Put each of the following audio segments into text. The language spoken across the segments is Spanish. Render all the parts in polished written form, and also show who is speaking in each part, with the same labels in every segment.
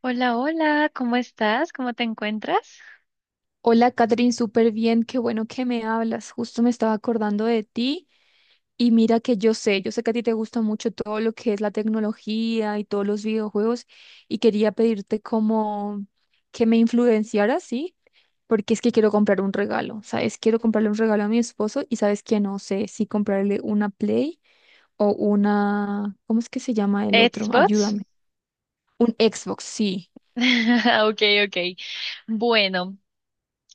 Speaker 1: Hola, hola, ¿cómo estás? ¿Cómo te encuentras?
Speaker 2: Hola, Catherine, súper bien, qué bueno que me hablas. Justo me estaba acordando de ti y mira que yo sé que a ti te gusta mucho todo lo que es la tecnología y todos los videojuegos y quería pedirte como que me influenciaras, ¿sí? Porque es que quiero comprar un regalo, ¿sabes? Quiero comprarle un regalo a mi esposo y sabes que no sé si comprarle una Play o una, ¿cómo es que se llama el otro?
Speaker 1: Xbox.
Speaker 2: Ayúdame. Un Xbox, sí.
Speaker 1: Ok, ok. Bueno,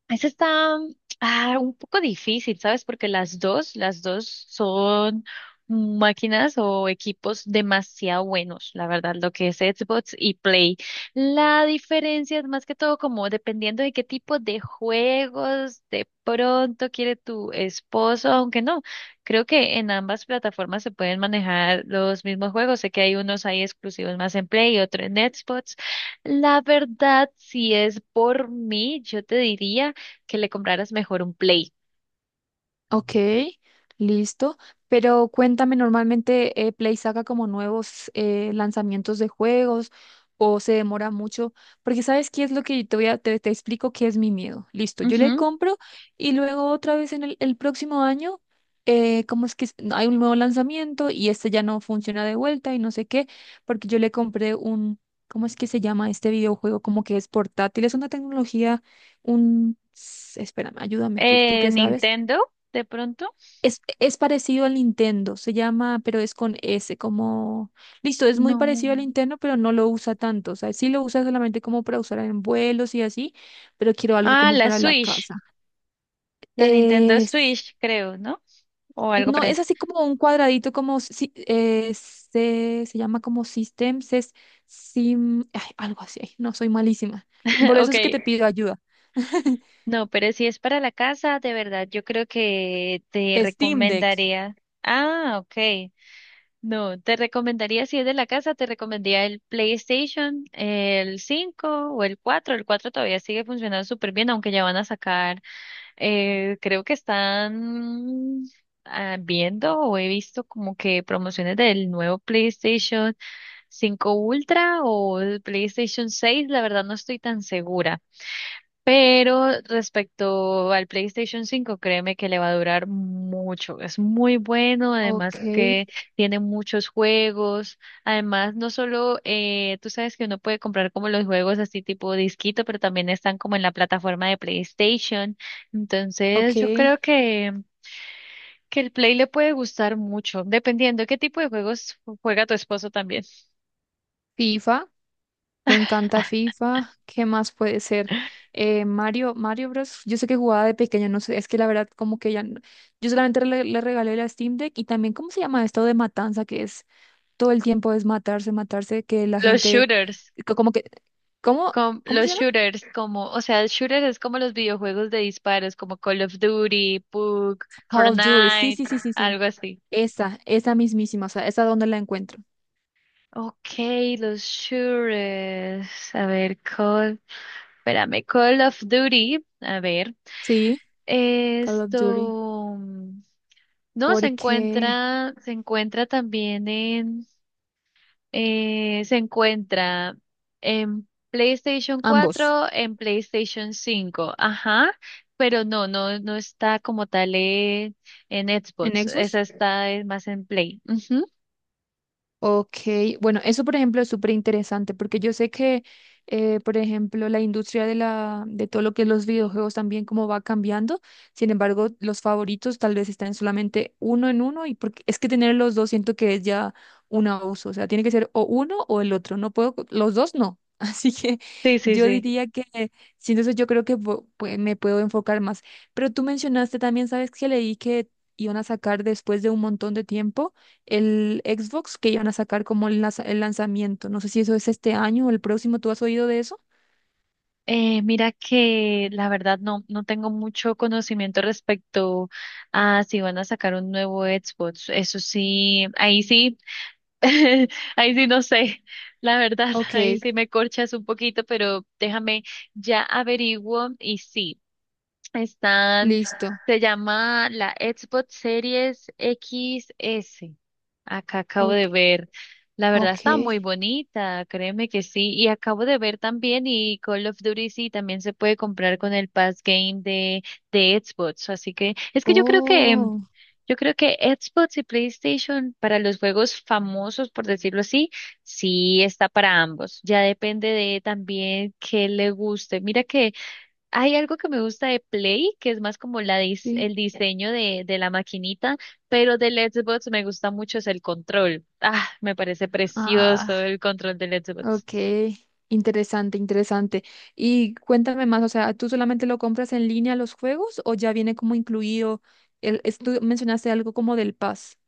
Speaker 1: esa está un poco difícil, ¿sabes? Porque las dos son máquinas o equipos demasiado buenos, la verdad, lo que es Xbox y Play. La diferencia es más que todo como dependiendo de qué tipo de juegos de pronto quiere tu esposo, aunque no, creo que en ambas plataformas se pueden manejar los mismos juegos. Sé que hay unos ahí exclusivos más en Play y otro en Xbox. La verdad, si es por mí, yo te diría que le compraras mejor un Play.
Speaker 2: Ok, listo. Pero cuéntame, normalmente Play saca como nuevos lanzamientos de juegos o se demora mucho, porque ¿sabes qué es lo que te voy a, te explico qué es mi miedo? Listo, yo le
Speaker 1: Ujú.
Speaker 2: compro y luego otra vez en el próximo año, ¿cómo es que es? Hay un nuevo lanzamiento y este ya no funciona de vuelta y no sé qué, porque yo le compré un, ¿cómo es que se llama este videojuego? Como que es portátil, es una tecnología, espérame, ayúdame, tú qué sabes.
Speaker 1: Nintendo, de pronto.
Speaker 2: Es parecido al Nintendo, se llama, pero es con S, como... Listo, es muy
Speaker 1: No.
Speaker 2: parecido al Nintendo, pero no lo usa tanto. O sea, sí lo usa solamente como para usar en vuelos y así, pero quiero algo
Speaker 1: Ah,
Speaker 2: como
Speaker 1: la
Speaker 2: para la
Speaker 1: Switch,
Speaker 2: casa.
Speaker 1: la Nintendo
Speaker 2: Es-
Speaker 1: Switch, creo, ¿no? O algo
Speaker 2: no, es
Speaker 1: parecido.
Speaker 2: así como un cuadradito, como se llama como Systems, es Sim... ay, algo así, ay, no, soy malísima. Por eso
Speaker 1: Ok,
Speaker 2: es que te pido ayuda.
Speaker 1: no, pero si es para la casa, de verdad, yo creo que te
Speaker 2: Steam Deck.
Speaker 1: recomendaría. Ah, ok. No, te recomendaría, si es de la casa, te recomendaría el PlayStation, el 5 o el cuatro. El 4 todavía sigue funcionando súper bien, aunque ya van a sacar. Creo que están viendo o he visto como que promociones del nuevo PlayStation 5 Ultra o el PlayStation 6, la verdad no estoy tan segura. Pero respecto al PlayStation 5, créeme que le va a durar mucho. Es muy bueno, además
Speaker 2: Ok,
Speaker 1: que tiene muchos juegos. Además, no solo, tú sabes que uno puede comprar como los juegos así tipo disquito, pero también están como en la plataforma de PlayStation.
Speaker 2: ok.
Speaker 1: Entonces, yo creo que el Play le puede gustar mucho, dependiendo qué tipo de juegos juega tu esposo también.
Speaker 2: FIFA. Le encanta FIFA. ¿Qué más puede ser? Mario, Mario Bros. Yo sé que jugaba de pequeño, no sé, es que la verdad como que ya... Yo solamente le regalé la Steam Deck y también, ¿cómo se llama esto de matanza? Que es todo el tiempo es matarse, matarse, que la
Speaker 1: Los
Speaker 2: gente...
Speaker 1: shooters.
Speaker 2: Como que... ¿Cómo?
Speaker 1: Con
Speaker 2: ¿Cómo se
Speaker 1: los
Speaker 2: llama?
Speaker 1: shooters, como, o sea, el shooter es como los videojuegos de disparos, como Call of Duty, PUBG,
Speaker 2: Call of Duty. Sí,
Speaker 1: Fortnite,
Speaker 2: sí, sí, sí, sí.
Speaker 1: algo así.
Speaker 2: Esa mismísima, o sea, esa donde la encuentro.
Speaker 1: Ok, los shooters. A ver, Call, espérame, Call of Duty. A ver,
Speaker 2: Sí, Call of Duty.
Speaker 1: esto, no,
Speaker 2: Porque
Speaker 1: se encuentra también en. Se encuentra en PlayStation
Speaker 2: ambos.
Speaker 1: cuatro, en PlayStation cinco, ajá, pero no está como tal en
Speaker 2: ¿En
Speaker 1: Xbox,
Speaker 2: Xbox?
Speaker 1: esa está más en Play. Ujú.
Speaker 2: Ok, bueno, eso por ejemplo es súper interesante porque yo sé que, por ejemplo, la industria de de todo lo que es los videojuegos también como va cambiando. Sin embargo, los favoritos tal vez están solamente uno en uno y porque es que tener los dos siento que es ya un abuso. O sea, tiene que ser o uno o el otro. No puedo, los dos no. Así que
Speaker 1: Sí, sí,
Speaker 2: yo
Speaker 1: sí.
Speaker 2: diría que, sí, entonces yo creo que pues, me puedo enfocar más. Pero tú mencionaste también, ¿sabes que leí que iban a sacar después de un montón de tiempo? El Xbox que iban a sacar como el lanzamiento. No sé si eso es este año o el próximo. ¿Tú has oído de eso?
Speaker 1: Mira que la verdad no, no tengo mucho conocimiento respecto a si van a sacar un nuevo Xbox. Eso sí, ahí sí. Ahí sí no sé, la verdad, ahí
Speaker 2: Ok,
Speaker 1: sí me corchas un poquito, pero déjame ya averiguo y sí, están,
Speaker 2: listo.
Speaker 1: se llama la Xbox Series X S. Acá acabo
Speaker 2: Ok,
Speaker 1: de ver, la verdad está muy
Speaker 2: ok.
Speaker 1: bonita, créeme que sí, y acabo de ver también y Call of Duty sí también se puede comprar con el Pass Game de Xbox, así que es que yo creo que
Speaker 2: Oh,
Speaker 1: yo creo que Xbox y PlayStation para los juegos famosos, por decirlo así, sí está para ambos. Ya depende de también qué le guste. Mira que hay algo que me gusta de Play, que es más como la dis-
Speaker 2: sí.
Speaker 1: el diseño de la maquinita, pero del Xbox me gusta mucho es el control. Ah, me parece precioso
Speaker 2: Ah,
Speaker 1: el control del Xbox.
Speaker 2: ok. Interesante, interesante. Y cuéntame más, o sea, ¿tú solamente lo compras en línea los juegos o ya viene como incluido tú mencionaste algo como del Pass?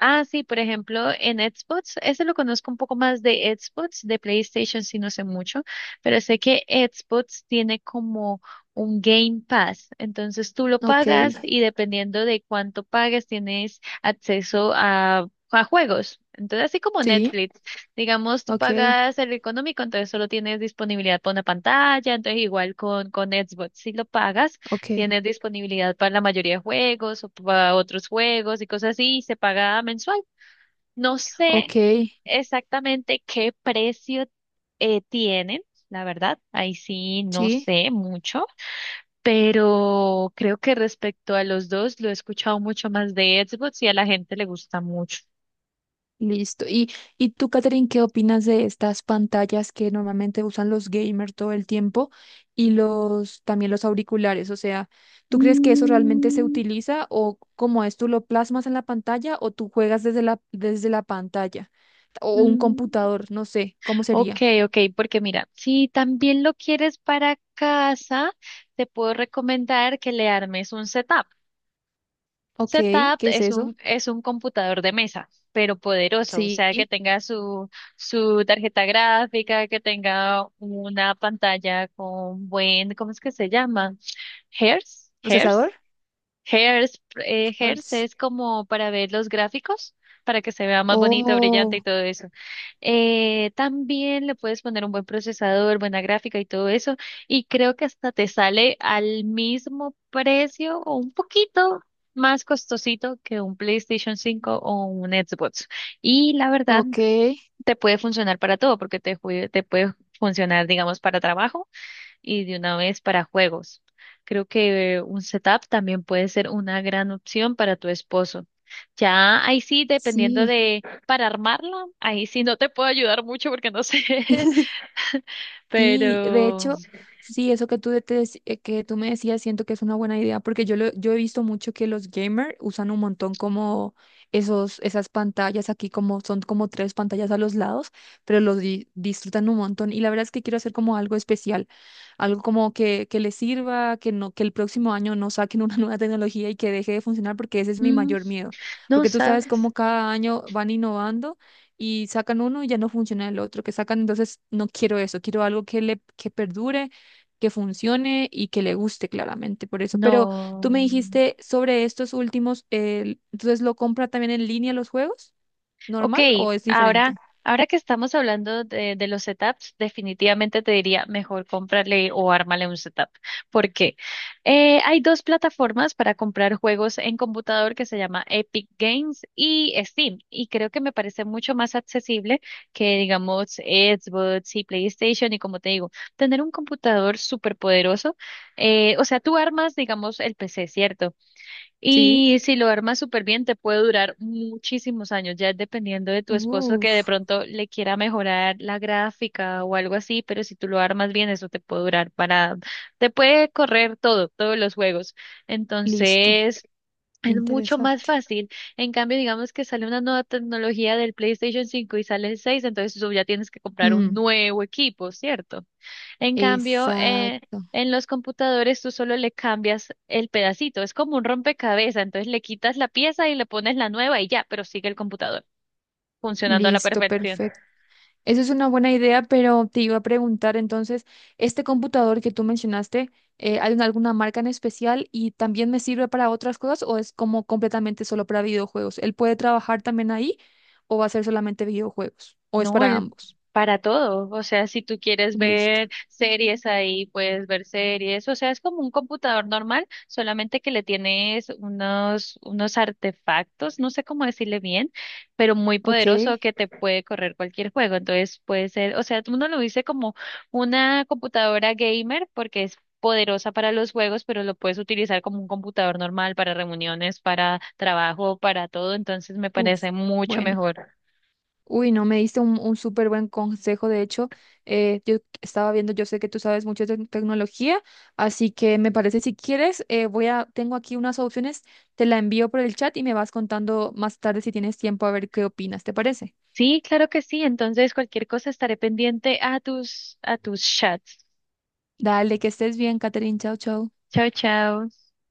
Speaker 1: Ah, sí, por ejemplo, en Xbox, ese lo conozco un poco más de Xbox, de PlayStation sí no sé mucho, pero sé que Xbox tiene como un Game Pass, entonces tú lo
Speaker 2: Ok,
Speaker 1: pagas y dependiendo de cuánto pagues tienes acceso a juegos. Entonces, así como
Speaker 2: sí,
Speaker 1: Netflix, digamos, tú
Speaker 2: ok,
Speaker 1: pagas el económico, entonces solo tienes disponibilidad para una pantalla, entonces igual con Xbox, si lo pagas,
Speaker 2: ok,
Speaker 1: tienes disponibilidad para la mayoría de juegos o para otros juegos y cosas así, y se paga mensual. No sé
Speaker 2: ok,
Speaker 1: exactamente qué precio tienen, la verdad, ahí sí no
Speaker 2: sí.
Speaker 1: sé mucho, pero creo que respecto a los dos lo he escuchado mucho más de Xbox y a la gente le gusta mucho.
Speaker 2: Listo. ¿Y tú, Catherine, qué opinas de estas pantallas que normalmente usan los gamers todo el tiempo y los también los auriculares? O sea, ¿tú crees que eso realmente se
Speaker 1: Mm,
Speaker 2: utiliza o cómo es? ¿Tú lo plasmas en la pantalla o tú juegas desde desde la pantalla? O un
Speaker 1: mm.
Speaker 2: computador, no sé, ¿cómo
Speaker 1: Ok,
Speaker 2: sería?
Speaker 1: ok, porque mira, si también lo quieres para casa, te puedo recomendar que le armes un setup.
Speaker 2: Ok,
Speaker 1: Setup
Speaker 2: ¿qué es eso?
Speaker 1: es un computador de mesa, pero poderoso, o
Speaker 2: Sí.
Speaker 1: sea, que tenga su, su tarjeta gráfica, que tenga una pantalla con buen, ¿cómo es que se llama? Hertz,
Speaker 2: ¿Procesador?
Speaker 1: Hertz, Hairs, Hairs
Speaker 2: Hertz.
Speaker 1: es como para ver los gráficos, para que se vea más bonito, brillante
Speaker 2: Oh,
Speaker 1: y todo eso. También le puedes poner un buen procesador, buena gráfica y todo eso. Y creo que hasta te sale al mismo precio o un poquito más costosito que un PlayStation 5 o un Xbox. Y la verdad,
Speaker 2: ok,
Speaker 1: te puede funcionar para todo, porque te, jue- te puede funcionar, digamos, para trabajo y de una vez para juegos. Creo que un setup también puede ser una gran opción para tu esposo. Ya ahí sí, dependiendo
Speaker 2: sí.
Speaker 1: de para armarla, ahí sí no te puedo ayudar mucho porque no sé,
Speaker 2: Sí, de
Speaker 1: pero
Speaker 2: hecho, sí, eso que tú me decías, siento que es una buena idea, porque yo he visto mucho que los gamers usan un montón como esos, esas pantallas aquí, como son como tres pantallas a los lados, pero los disfrutan un montón. Y la verdad es que quiero hacer como algo especial, algo como que les sirva, que no, que el próximo año no saquen una nueva tecnología y que deje de funcionar, porque ese es mi
Speaker 1: mm,
Speaker 2: mayor miedo.
Speaker 1: no
Speaker 2: Porque tú sabes
Speaker 1: sabes,
Speaker 2: cómo cada año van innovando y sacan uno y ya no funciona el otro que sacan, entonces no quiero eso, quiero algo que perdure, que funcione y que le guste claramente por eso. Pero tú me
Speaker 1: no.
Speaker 2: dijiste sobre estos últimos, entonces lo compra también en línea los juegos,
Speaker 1: Ok,
Speaker 2: ¿normal o es
Speaker 1: ahora,
Speaker 2: diferente?
Speaker 1: ahora que estamos hablando de los setups, definitivamente te diría mejor cómprale o ármale un setup. ¿Por qué? Hay dos plataformas para comprar juegos en computador que se llama Epic Games y Steam. Y creo que me parece mucho más accesible que, digamos, Xbox y PlayStation. Y como te digo, tener un computador súper poderoso. O sea, tú armas, digamos, el PC, ¿cierto?
Speaker 2: Sí.
Speaker 1: Y si lo armas súper bien, te puede durar muchísimos años, ya es dependiendo de tu esposo que de
Speaker 2: Uf,
Speaker 1: pronto le quiera mejorar la gráfica o algo así, pero si tú lo armas bien, eso te puede durar para, te puede correr todo, todos los juegos.
Speaker 2: listo,
Speaker 1: Entonces, es mucho más
Speaker 2: interesante.
Speaker 1: fácil. En cambio, digamos que sale una nueva tecnología del PlayStation 5 y sale el 6, entonces tú ya tienes que comprar un
Speaker 2: Mm,
Speaker 1: nuevo equipo, ¿cierto? En cambio,
Speaker 2: exacto.
Speaker 1: en los computadores tú solo le cambias el pedacito, es como un rompecabezas, entonces le quitas la pieza y le pones la nueva y ya, pero sigue el computador funcionando a la
Speaker 2: Listo,
Speaker 1: perfección.
Speaker 2: perfecto. Eso es una buena idea, pero te iba a preguntar entonces, este computador que tú mencionaste, ¿hay alguna marca en especial y también me sirve para otras cosas o es como completamente solo para videojuegos? ¿Él puede trabajar también ahí o va a ser solamente videojuegos? ¿O es
Speaker 1: No,
Speaker 2: para
Speaker 1: el
Speaker 2: ambos?
Speaker 1: para todo. O sea, si tú quieres
Speaker 2: Listo.
Speaker 1: ver series ahí, puedes ver series. O sea, es como un computador normal, solamente que le tienes unos, unos artefactos, no sé cómo decirle bien, pero muy
Speaker 2: Ok.
Speaker 1: poderoso que te puede correr cualquier juego. Entonces puede ser, o sea, uno lo dice como una computadora gamer porque es poderosa para los juegos, pero lo puedes utilizar como un computador normal para reuniones, para trabajo, para todo. Entonces me
Speaker 2: Uf.
Speaker 1: parece mucho
Speaker 2: Bueno.
Speaker 1: mejor.
Speaker 2: Uy, no, me diste un súper buen consejo. De hecho, yo estaba viendo, yo sé que tú sabes mucho de tecnología, así que me parece si quieres, tengo aquí unas opciones, te la envío por el chat y me vas contando más tarde si tienes tiempo a ver qué opinas, ¿te parece?
Speaker 1: Sí, claro que sí. Entonces, cualquier cosa estaré pendiente a tus chats.
Speaker 2: Dale, que estés bien, Catherine. Chao, chao.
Speaker 1: Chao, chao.